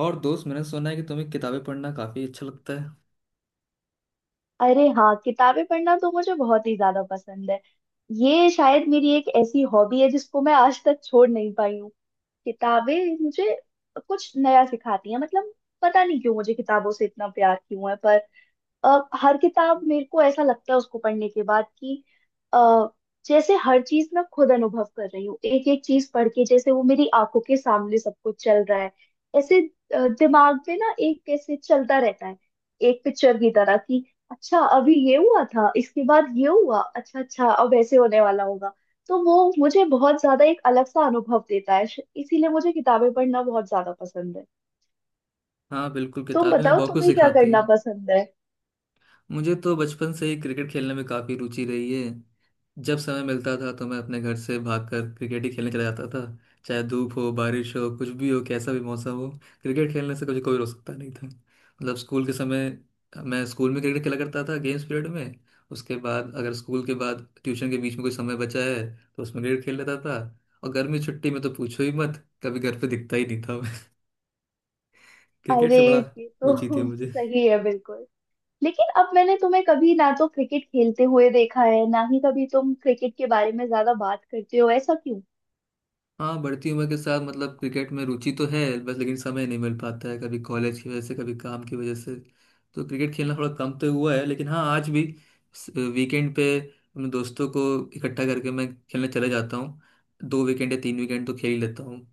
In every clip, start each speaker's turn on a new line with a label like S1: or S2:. S1: और दोस्त, मैंने सुना है कि तुम्हें किताबें पढ़ना काफी अच्छा लगता है।
S2: अरे हाँ, किताबें पढ़ना तो मुझे बहुत ही ज्यादा पसंद है। ये शायद मेरी एक ऐसी हॉबी है जिसको मैं आज तक छोड़ नहीं पाई हूँ। किताबें मुझे कुछ नया सिखाती हैं। मतलब पता नहीं क्यों मुझे किताबों से इतना प्यार क्यों है, पर अ, हर किताब मेरे को ऐसा लगता है उसको पढ़ने के बाद कि अ, जैसे हर चीज मैं खुद अनुभव कर रही हूँ, एक एक चीज पढ़ के जैसे वो मेरी आंखों के सामने सब कुछ चल रहा है। ऐसे दिमाग में ना एक कैसे चलता रहता है, एक पिक्चर की तरह कि अच्छा अभी ये हुआ था, इसके बाद ये हुआ, अच्छा अच्छा अब ऐसे होने वाला होगा। तो वो मुझे बहुत ज्यादा एक अलग सा अनुभव देता है, इसीलिए मुझे किताबें पढ़ना बहुत ज्यादा पसंद है।
S1: हाँ बिल्कुल,
S2: तुम
S1: किताबें हमें
S2: बताओ
S1: बहुत कुछ
S2: तुम्हें क्या
S1: सिखाती
S2: करना
S1: हैं।
S2: पसंद है?
S1: मुझे तो बचपन से ही क्रिकेट खेलने में काफी रुचि रही है। जब समय मिलता था तो मैं अपने घर से भागकर क्रिकेट ही खेलने चला जाता था। चाहे धूप हो बारिश हो कुछ भी हो, कैसा भी मौसम हो, क्रिकेट खेलने से कभी कोई रोक सकता नहीं था। मतलब स्कूल के समय मैं स्कूल में क्रिकेट खेला करता था, गेम्स पीरियड में। उसके बाद अगर स्कूल के बाद ट्यूशन के बीच में कोई समय बचा है तो उसमें क्रिकेट खेल लेता था। और गर्मी छुट्टी में तो पूछो ही मत, कभी घर पे दिखता ही नहीं था। क्रिकेट
S2: अरे
S1: से बड़ा
S2: ये तो
S1: रुचि थी मुझे।
S2: सही है बिल्कुल। लेकिन अब मैंने तुम्हें कभी ना तो क्रिकेट खेलते हुए देखा है, ना ही कभी तुम क्रिकेट के बारे में ज्यादा बात करते हो, ऐसा क्यों?
S1: हाँ बढ़ती उम्र के साथ मतलब क्रिकेट में रुचि तो है बस, लेकिन समय नहीं मिल पाता है, कभी कॉलेज की वजह से कभी काम की वजह से। तो क्रिकेट खेलना थोड़ा कम तो हुआ है, लेकिन हाँ आज भी वीकेंड पे अपने दोस्तों को इकट्ठा करके मैं खेलने चले जाता हूँ। 2 वीकेंड या 3 वीकेंड तो खेल ही लेता हूँ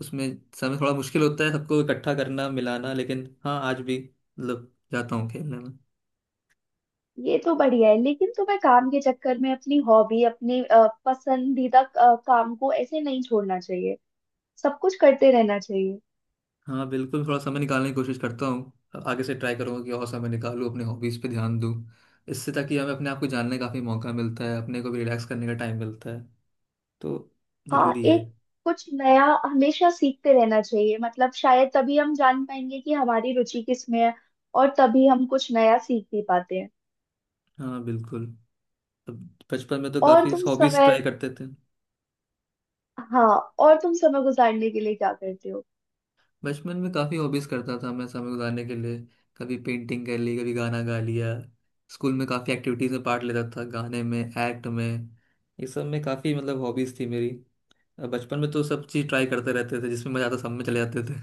S1: उसमें। समय थोड़ा मुश्किल होता है सबको इकट्ठा करना मिलाना, लेकिन हाँ आज भी मतलब जाता हूँ खेलने में।
S2: ये तो बढ़िया है, लेकिन तुम्हें काम के चक्कर में अपनी हॉबी, अपने पसंदीदा काम को ऐसे नहीं छोड़ना चाहिए। सब कुछ करते रहना चाहिए।
S1: हाँ बिल्कुल, थोड़ा समय निकालने की कोशिश करता हूँ। आगे से ट्राई करूँगा कि और समय निकालूँ, अपने हॉबीज़ पे ध्यान दूँ इससे। ताकि हमें अपने आप को जानने का काफ़ी मौका मिलता है, अपने को भी रिलैक्स करने का टाइम मिलता है, तो
S2: हाँ
S1: ज़रूरी है।
S2: एक कुछ नया हमेशा सीखते रहना चाहिए। मतलब शायद तभी हम जान पाएंगे कि हमारी रुचि किस में है, और तभी हम कुछ नया सीख भी पाते हैं।
S1: हाँ बिल्कुल, अब बचपन में तो
S2: और
S1: काफ़ी
S2: तुम
S1: हॉबीज़
S2: समय,
S1: ट्राई करते थे।
S2: हाँ, और तुम समय गुजारने के लिए क्या करते हो?
S1: बचपन में काफ़ी हॉबीज़ करता था मैं समय गुजारने के लिए। कभी पेंटिंग कर ली, कभी गाना गा लिया। स्कूल में काफ़ी एक्टिविटीज़ में पार्ट लेता था, गाने में, एक्ट में, ये सब में। काफ़ी मतलब हॉबीज़ थी मेरी। अब बचपन में तो सब चीज़ ट्राई करते रहते थे, जिसमें मज़ा आता सब में चले जाते थे,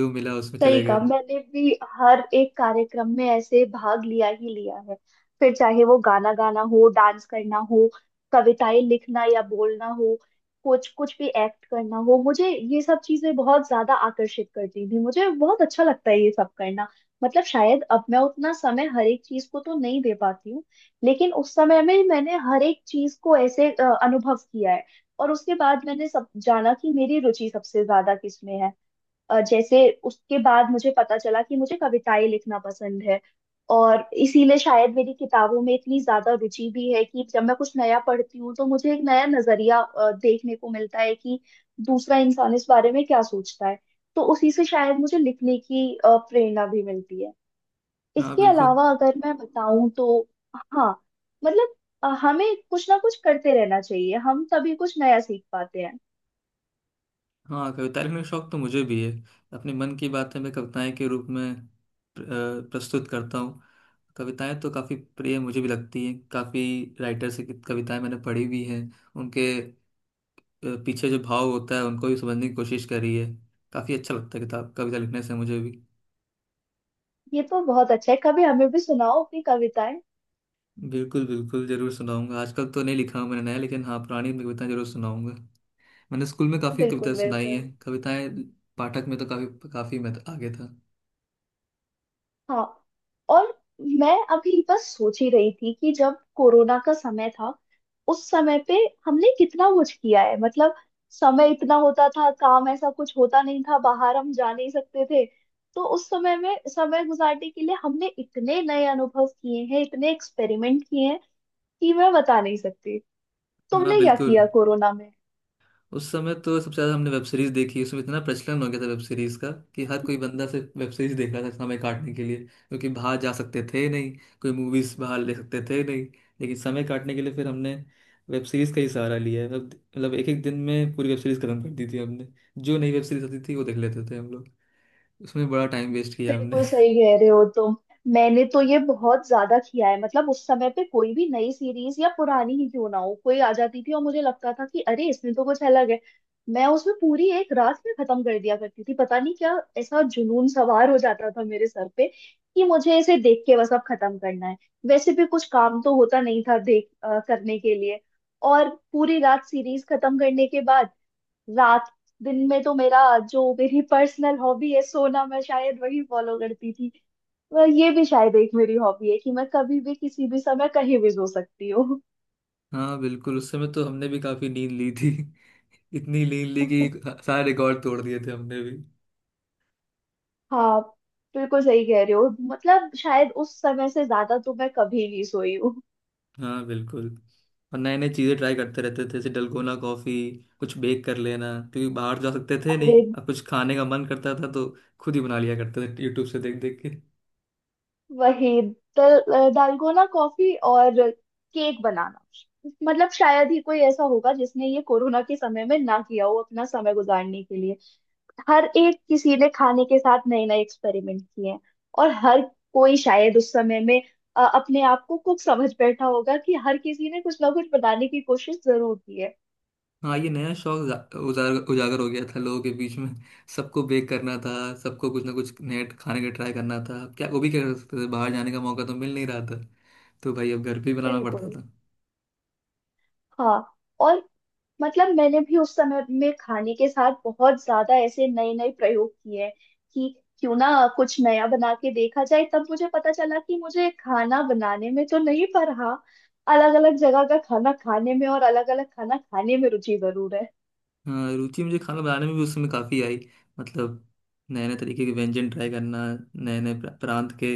S1: जो मिला उसमें
S2: सही
S1: चले
S2: कहा,
S1: गए।
S2: मैंने भी हर एक कार्यक्रम में ऐसे भाग लिया ही लिया है। फिर चाहे वो गाना गाना हो, डांस करना हो, कविताएं लिखना या बोलना हो, कुछ कुछ भी एक्ट करना हो, मुझे ये सब चीजें बहुत ज्यादा आकर्षित करती थी। मुझे बहुत अच्छा लगता है ये सब करना। मतलब शायद अब मैं उतना समय हर एक चीज को तो नहीं दे पाती हूँ, लेकिन उस समय में मैंने हर एक चीज को ऐसे अनुभव किया है, और उसके बाद मैंने सब जाना कि मेरी रुचि सबसे ज्यादा किस में है। जैसे उसके बाद मुझे पता चला कि मुझे कविताएं लिखना पसंद है, और इसीलिए शायद मेरी किताबों में इतनी ज्यादा रुचि भी है कि जब मैं कुछ नया पढ़ती हूँ तो मुझे एक नया नजरिया देखने को मिलता है कि दूसरा इंसान इस बारे में क्या सोचता है। तो उसी से शायद मुझे लिखने की प्रेरणा भी मिलती है।
S1: हाँ
S2: इसके
S1: बिल्कुल।
S2: अलावा अगर मैं बताऊं तो हाँ, मतलब हमें कुछ ना कुछ करते रहना चाहिए, हम तभी कुछ नया सीख पाते हैं।
S1: हाँ, कविता लिखने का शौक तो मुझे भी है। अपने मन की बातें मैं कविताएं के रूप में प्र- प्रस्तुत करता हूँ। कविताएं तो काफ़ी प्रिय मुझे भी लगती हैं। काफ़ी राइटर से कविताएं मैंने पढ़ी भी हैं। उनके पीछे जो भाव होता है उनको भी समझने की कोशिश करी है। काफ़ी अच्छा लगता है किताब कविता लिखने से मुझे भी।
S2: ये तो बहुत अच्छा है, कभी हमें भी सुनाओ अपनी कविताएं।
S1: बिल्कुल बिल्कुल ज़रूर सुनाऊंगा। आजकल तो नहीं लिखा हूं मैंने नया, लेकिन हाँ पुरानी में कविताएं जरूर सुनाऊंगा। मैंने स्कूल में काफ़ी
S2: बिल्कुल
S1: कविताएं सुनाई
S2: बिल्कुल।
S1: हैं। कविताएं पाठक में तो काफ़ी, काफ़ी मैं तो आगे था।
S2: हाँ, और मैं अभी बस सोच ही रही थी कि जब कोरोना का समय था, उस समय पे हमने कितना कुछ किया है। मतलब समय इतना होता था, काम ऐसा कुछ होता नहीं था, बाहर हम जा नहीं सकते थे। तो उस समय में समय गुजारने के लिए हमने इतने नए अनुभव किए हैं, इतने एक्सपेरिमेंट किए हैं कि मैं बता नहीं सकती।
S1: हाँ
S2: तुमने क्या
S1: बिल्कुल,
S2: किया कोरोना?
S1: उस समय तो सबसे ज्यादा हमने वेब सीरीज देखी। उसमें इतना प्रचलन हो गया था वेब सीरीज का कि हर कोई बंदा सिर्फ वेब सीरीज देख रहा था समय काटने के लिए। क्योंकि बाहर जा सकते थे नहीं, कोई मूवीज बाहर ले सकते थे नहीं, लेकिन समय काटने के लिए फिर हमने वेब सीरीज का ही सहारा लिया है। मतलब एक एक दिन में पूरी वेब सीरीज खत्म कर दी थी हमने। जो नई वेब सीरीज आती थी वो देख लेते थे हम लोग। उसमें बड़ा टाइम वेस्ट किया हमने।
S2: बिल्कुल सही कह रहे हो तुम। मैंने तो ये बहुत ज्यादा किया है। मतलब उस समय पे कोई भी नई सीरीज या पुरानी ही क्यों ना हो, कोई आ जाती थी और मुझे लगता था कि अरे इसमें तो कुछ अलग है। मैं उसमें पूरी एक रात में खत्म कर दिया करती थी। पता नहीं क्या ऐसा जुनून सवार हो जाता था मेरे सर पे कि मुझे इसे देख के बस अब खत्म करना है। वैसे भी कुछ काम तो होता नहीं था देख करने के लिए। और पूरी रात सीरीज खत्म करने के बाद रात, दिन में तो मेरा जो मेरी पर्सनल हॉबी है सोना, मैं शायद वही फॉलो करती थी। पर ये भी शायद एक मेरी हॉबी है कि मैं कभी भी किसी भी समय कहीं भी सो सकती हूँ।
S1: हाँ बिल्कुल, उस समय तो हमने भी काफी नींद ली थी। इतनी नींद ली कि सारे रिकॉर्ड तोड़ दिए थे हमने।
S2: हाँ बिल्कुल सही कह रहे हो, मतलब शायद उस समय से ज्यादा तो मैं कभी नहीं सोई हूँ।
S1: हाँ बिल्कुल, और नए नए चीज़ें ट्राई करते रहते थे, जैसे डलगोना कॉफ़ी, कुछ बेक कर लेना। क्योंकि बाहर जा सकते थे
S2: अरे
S1: नहीं, अब कुछ खाने का मन करता था तो खुद ही बना लिया करते थे, यूट्यूब से देख देख के।
S2: वही दल, दालगोना कॉफी और केक बनाना, मतलब शायद ही कोई ऐसा होगा जिसने ये कोरोना के समय में ना किया हो अपना समय गुजारने के लिए। हर एक किसी ने खाने के साथ नए नए एक्सपेरिमेंट किए हैं, और हर कोई शायद उस समय में अपने आप को कुक समझ बैठा होगा कि हर किसी ने कुछ ना कुछ बनाने की कोशिश जरूर की है।
S1: हाँ, ये नया शौक जा- उजागर उजागर हो गया था लोगों के बीच में। सबको बेक करना था, सबको कुछ ना कुछ नए खाने का ट्राई करना था। क्या वो भी क्या कर सकते थे, बाहर जाने का मौका तो मिल नहीं रहा था, तो भाई अब घर पे ही बनाना
S2: बिल्कुल।
S1: पड़ता था।
S2: हाँ और, मतलब मैंने भी उस समय में खाने के साथ बहुत ज्यादा ऐसे नए नए प्रयोग किए हैं कि क्यों ना कुछ नया बना के देखा जाए। तब मुझे पता चला कि मुझे खाना बनाने में तो नहीं, पर हाँ, अलग अलग जगह का खाना खाने में और अलग अलग खाना खाने में रुचि जरूर है।
S1: हाँ, रुचि मुझे खाना बनाने में भी उस समय काफ़ी आई। मतलब नए नए तरीके के व्यंजन ट्राई करना, नए नए प्रांत के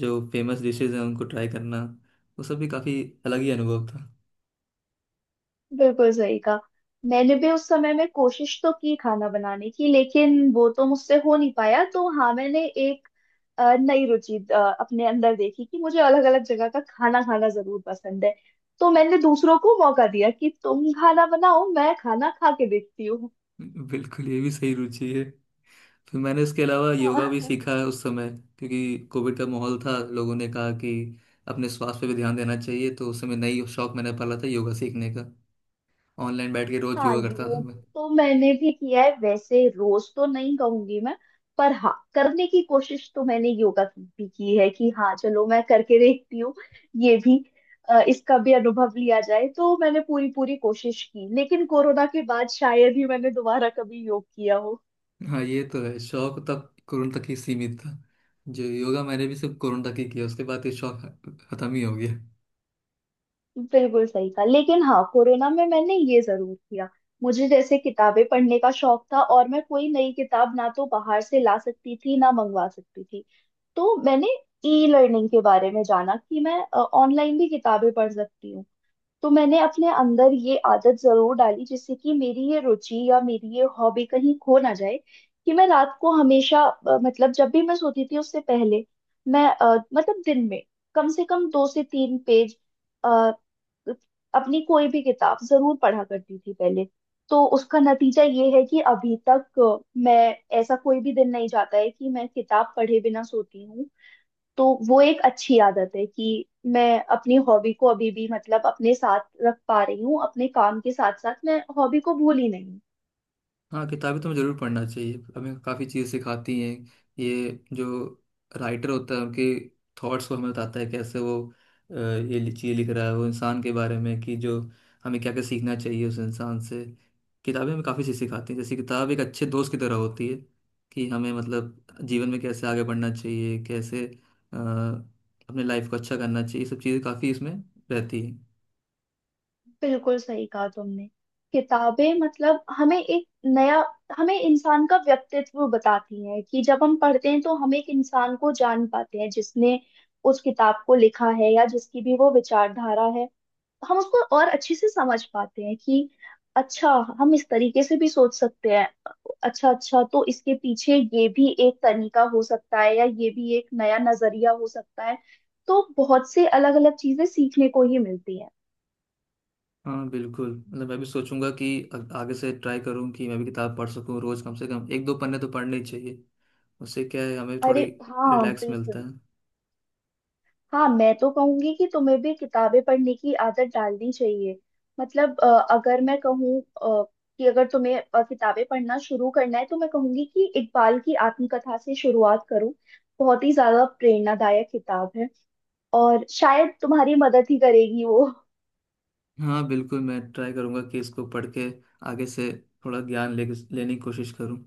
S1: जो फेमस डिशेज हैं उनको ट्राई करना, वो सब भी काफ़ी अलग ही अनुभव था।
S2: बिल्कुल सही कहा। मैंने भी उस समय में कोशिश तो की खाना बनाने की, लेकिन वो तो मुझसे हो नहीं पाया। तो हाँ, मैंने एक नई रुचि अपने अंदर देखी कि मुझे अलग अलग जगह का खाना खाना जरूर पसंद है। तो मैंने दूसरों को मौका दिया कि तुम खाना बनाओ, मैं खाना खा के देखती हूँ।
S1: बिल्कुल, ये भी सही रुचि है। फिर मैंने इसके अलावा योगा भी
S2: हाँ।
S1: सीखा है उस समय, क्योंकि कोविड का माहौल था, लोगों ने कहा कि अपने स्वास्थ्य पे भी ध्यान देना चाहिए, तो उस समय नई शौक मैंने पाला था योगा सीखने का। ऑनलाइन बैठ के रोज
S2: हाँ
S1: योगा करता था
S2: योग
S1: मैं।
S2: तो मैंने भी किया है। वैसे रोज तो नहीं कहूंगी मैं, पर हाँ करने की कोशिश तो मैंने योगा की भी की है कि हाँ चलो मैं करके देखती हूँ, ये भी, इसका भी अनुभव लिया जाए। तो मैंने पूरी पूरी कोशिश की, लेकिन कोरोना के बाद शायद ही मैंने दोबारा कभी योग किया।
S1: हाँ ये तो है, शौक तब कोरोना तक ही सीमित था। जो योगा मैंने भी सिर्फ कोरोना तक ही किया, उसके बाद ये शौक खत्म ही हो गया।
S2: बिल्कुल सही कहा, लेकिन हाँ कोरोना में मैंने ये जरूर किया। मुझे जैसे किताबें पढ़ने का शौक था और मैं कोई नई किताब ना तो बाहर से ला सकती थी, ना मंगवा सकती थी। तो मैंने ई लर्निंग के बारे में जाना कि मैं ऑनलाइन भी किताबें पढ़ सकती हूँ। तो मैंने अपने अंदर ये आदत जरूर डाली, जिससे कि मेरी ये रुचि या मेरी ये हॉबी कहीं खो ना जाए। कि मैं रात को हमेशा मतलब जब भी मैं सोती थी उससे पहले, मैं मतलब दिन में कम से कम दो से तीन पेज अ, अपनी कोई भी किताब जरूर पढ़ा करती थी पहले। तो उसका नतीजा ये है कि अभी तक मैं, ऐसा कोई भी दिन नहीं जाता है कि मैं किताब पढ़े बिना सोती हूँ। तो वो एक अच्छी आदत है कि मैं अपनी हॉबी को अभी भी, मतलब अपने साथ रख पा रही हूँ, अपने काम के साथ साथ मैं हॉबी को भूली नहीं।
S1: हाँ, किताबें तो हमें जरूर पढ़ना चाहिए, हमें काफ़ी चीज़ सिखाती हैं। ये जो राइटर होता है उनके थॉट्स को हमें बताता है, कैसे वो ये चीज़ लिख रहा है, वो इंसान के बारे में कि जो हमें क्या क्या सीखना चाहिए उस इंसान से। किताबें हमें काफ़ी चीज़ सिखाती हैं, जैसे किताब एक अच्छे दोस्त की तरह होती है। कि हमें मतलब जीवन में कैसे आगे बढ़ना चाहिए, कैसे अपने लाइफ को अच्छा करना चाहिए, ये सब चीज़ें काफ़ी इसमें रहती हैं।
S2: बिल्कुल सही कहा तुमने। किताबें, मतलब हमें एक नया, हमें इंसान का व्यक्तित्व बताती हैं कि जब हम पढ़ते हैं तो हम एक इंसान को जान पाते हैं जिसने उस किताब को लिखा है या जिसकी भी वो विचारधारा है। हम उसको और अच्छे से समझ पाते हैं कि अच्छा हम इस तरीके से भी सोच सकते हैं, अच्छा अच्छा तो इसके पीछे ये भी एक तरीका हो सकता है, या ये भी एक नया नजरिया हो सकता है। तो बहुत से अलग अलग चीजें सीखने को ही मिलती हैं।
S1: हाँ बिल्कुल, मतलब मैं भी सोचूंगा कि आगे से ट्राई करूँ कि मैं भी किताब पढ़ सकूँ। रोज कम से कम एक दो पन्ने तो पढ़ने ही चाहिए, उससे क्या है हमें
S2: अरे
S1: थोड़ी
S2: हाँ
S1: रिलैक्स मिलता
S2: बिल्कुल।
S1: है।
S2: हाँ मैं तो कहूंगी कि तुम्हें भी किताबें पढ़ने की आदत डालनी चाहिए। मतलब अगर मैं कहूँ कि अगर तुम्हें किताबें पढ़ना शुरू करना है, तो मैं कहूंगी कि इकबाल की आत्मकथा से शुरुआत करो। बहुत ही ज्यादा प्रेरणादायक किताब है, और शायद तुम्हारी मदद ही करेगी वो।
S1: हाँ बिल्कुल, मैं ट्राई करूंगा कि इसको पढ़ के आगे से थोड़ा ज्ञान ले लेने की कोशिश करूँ।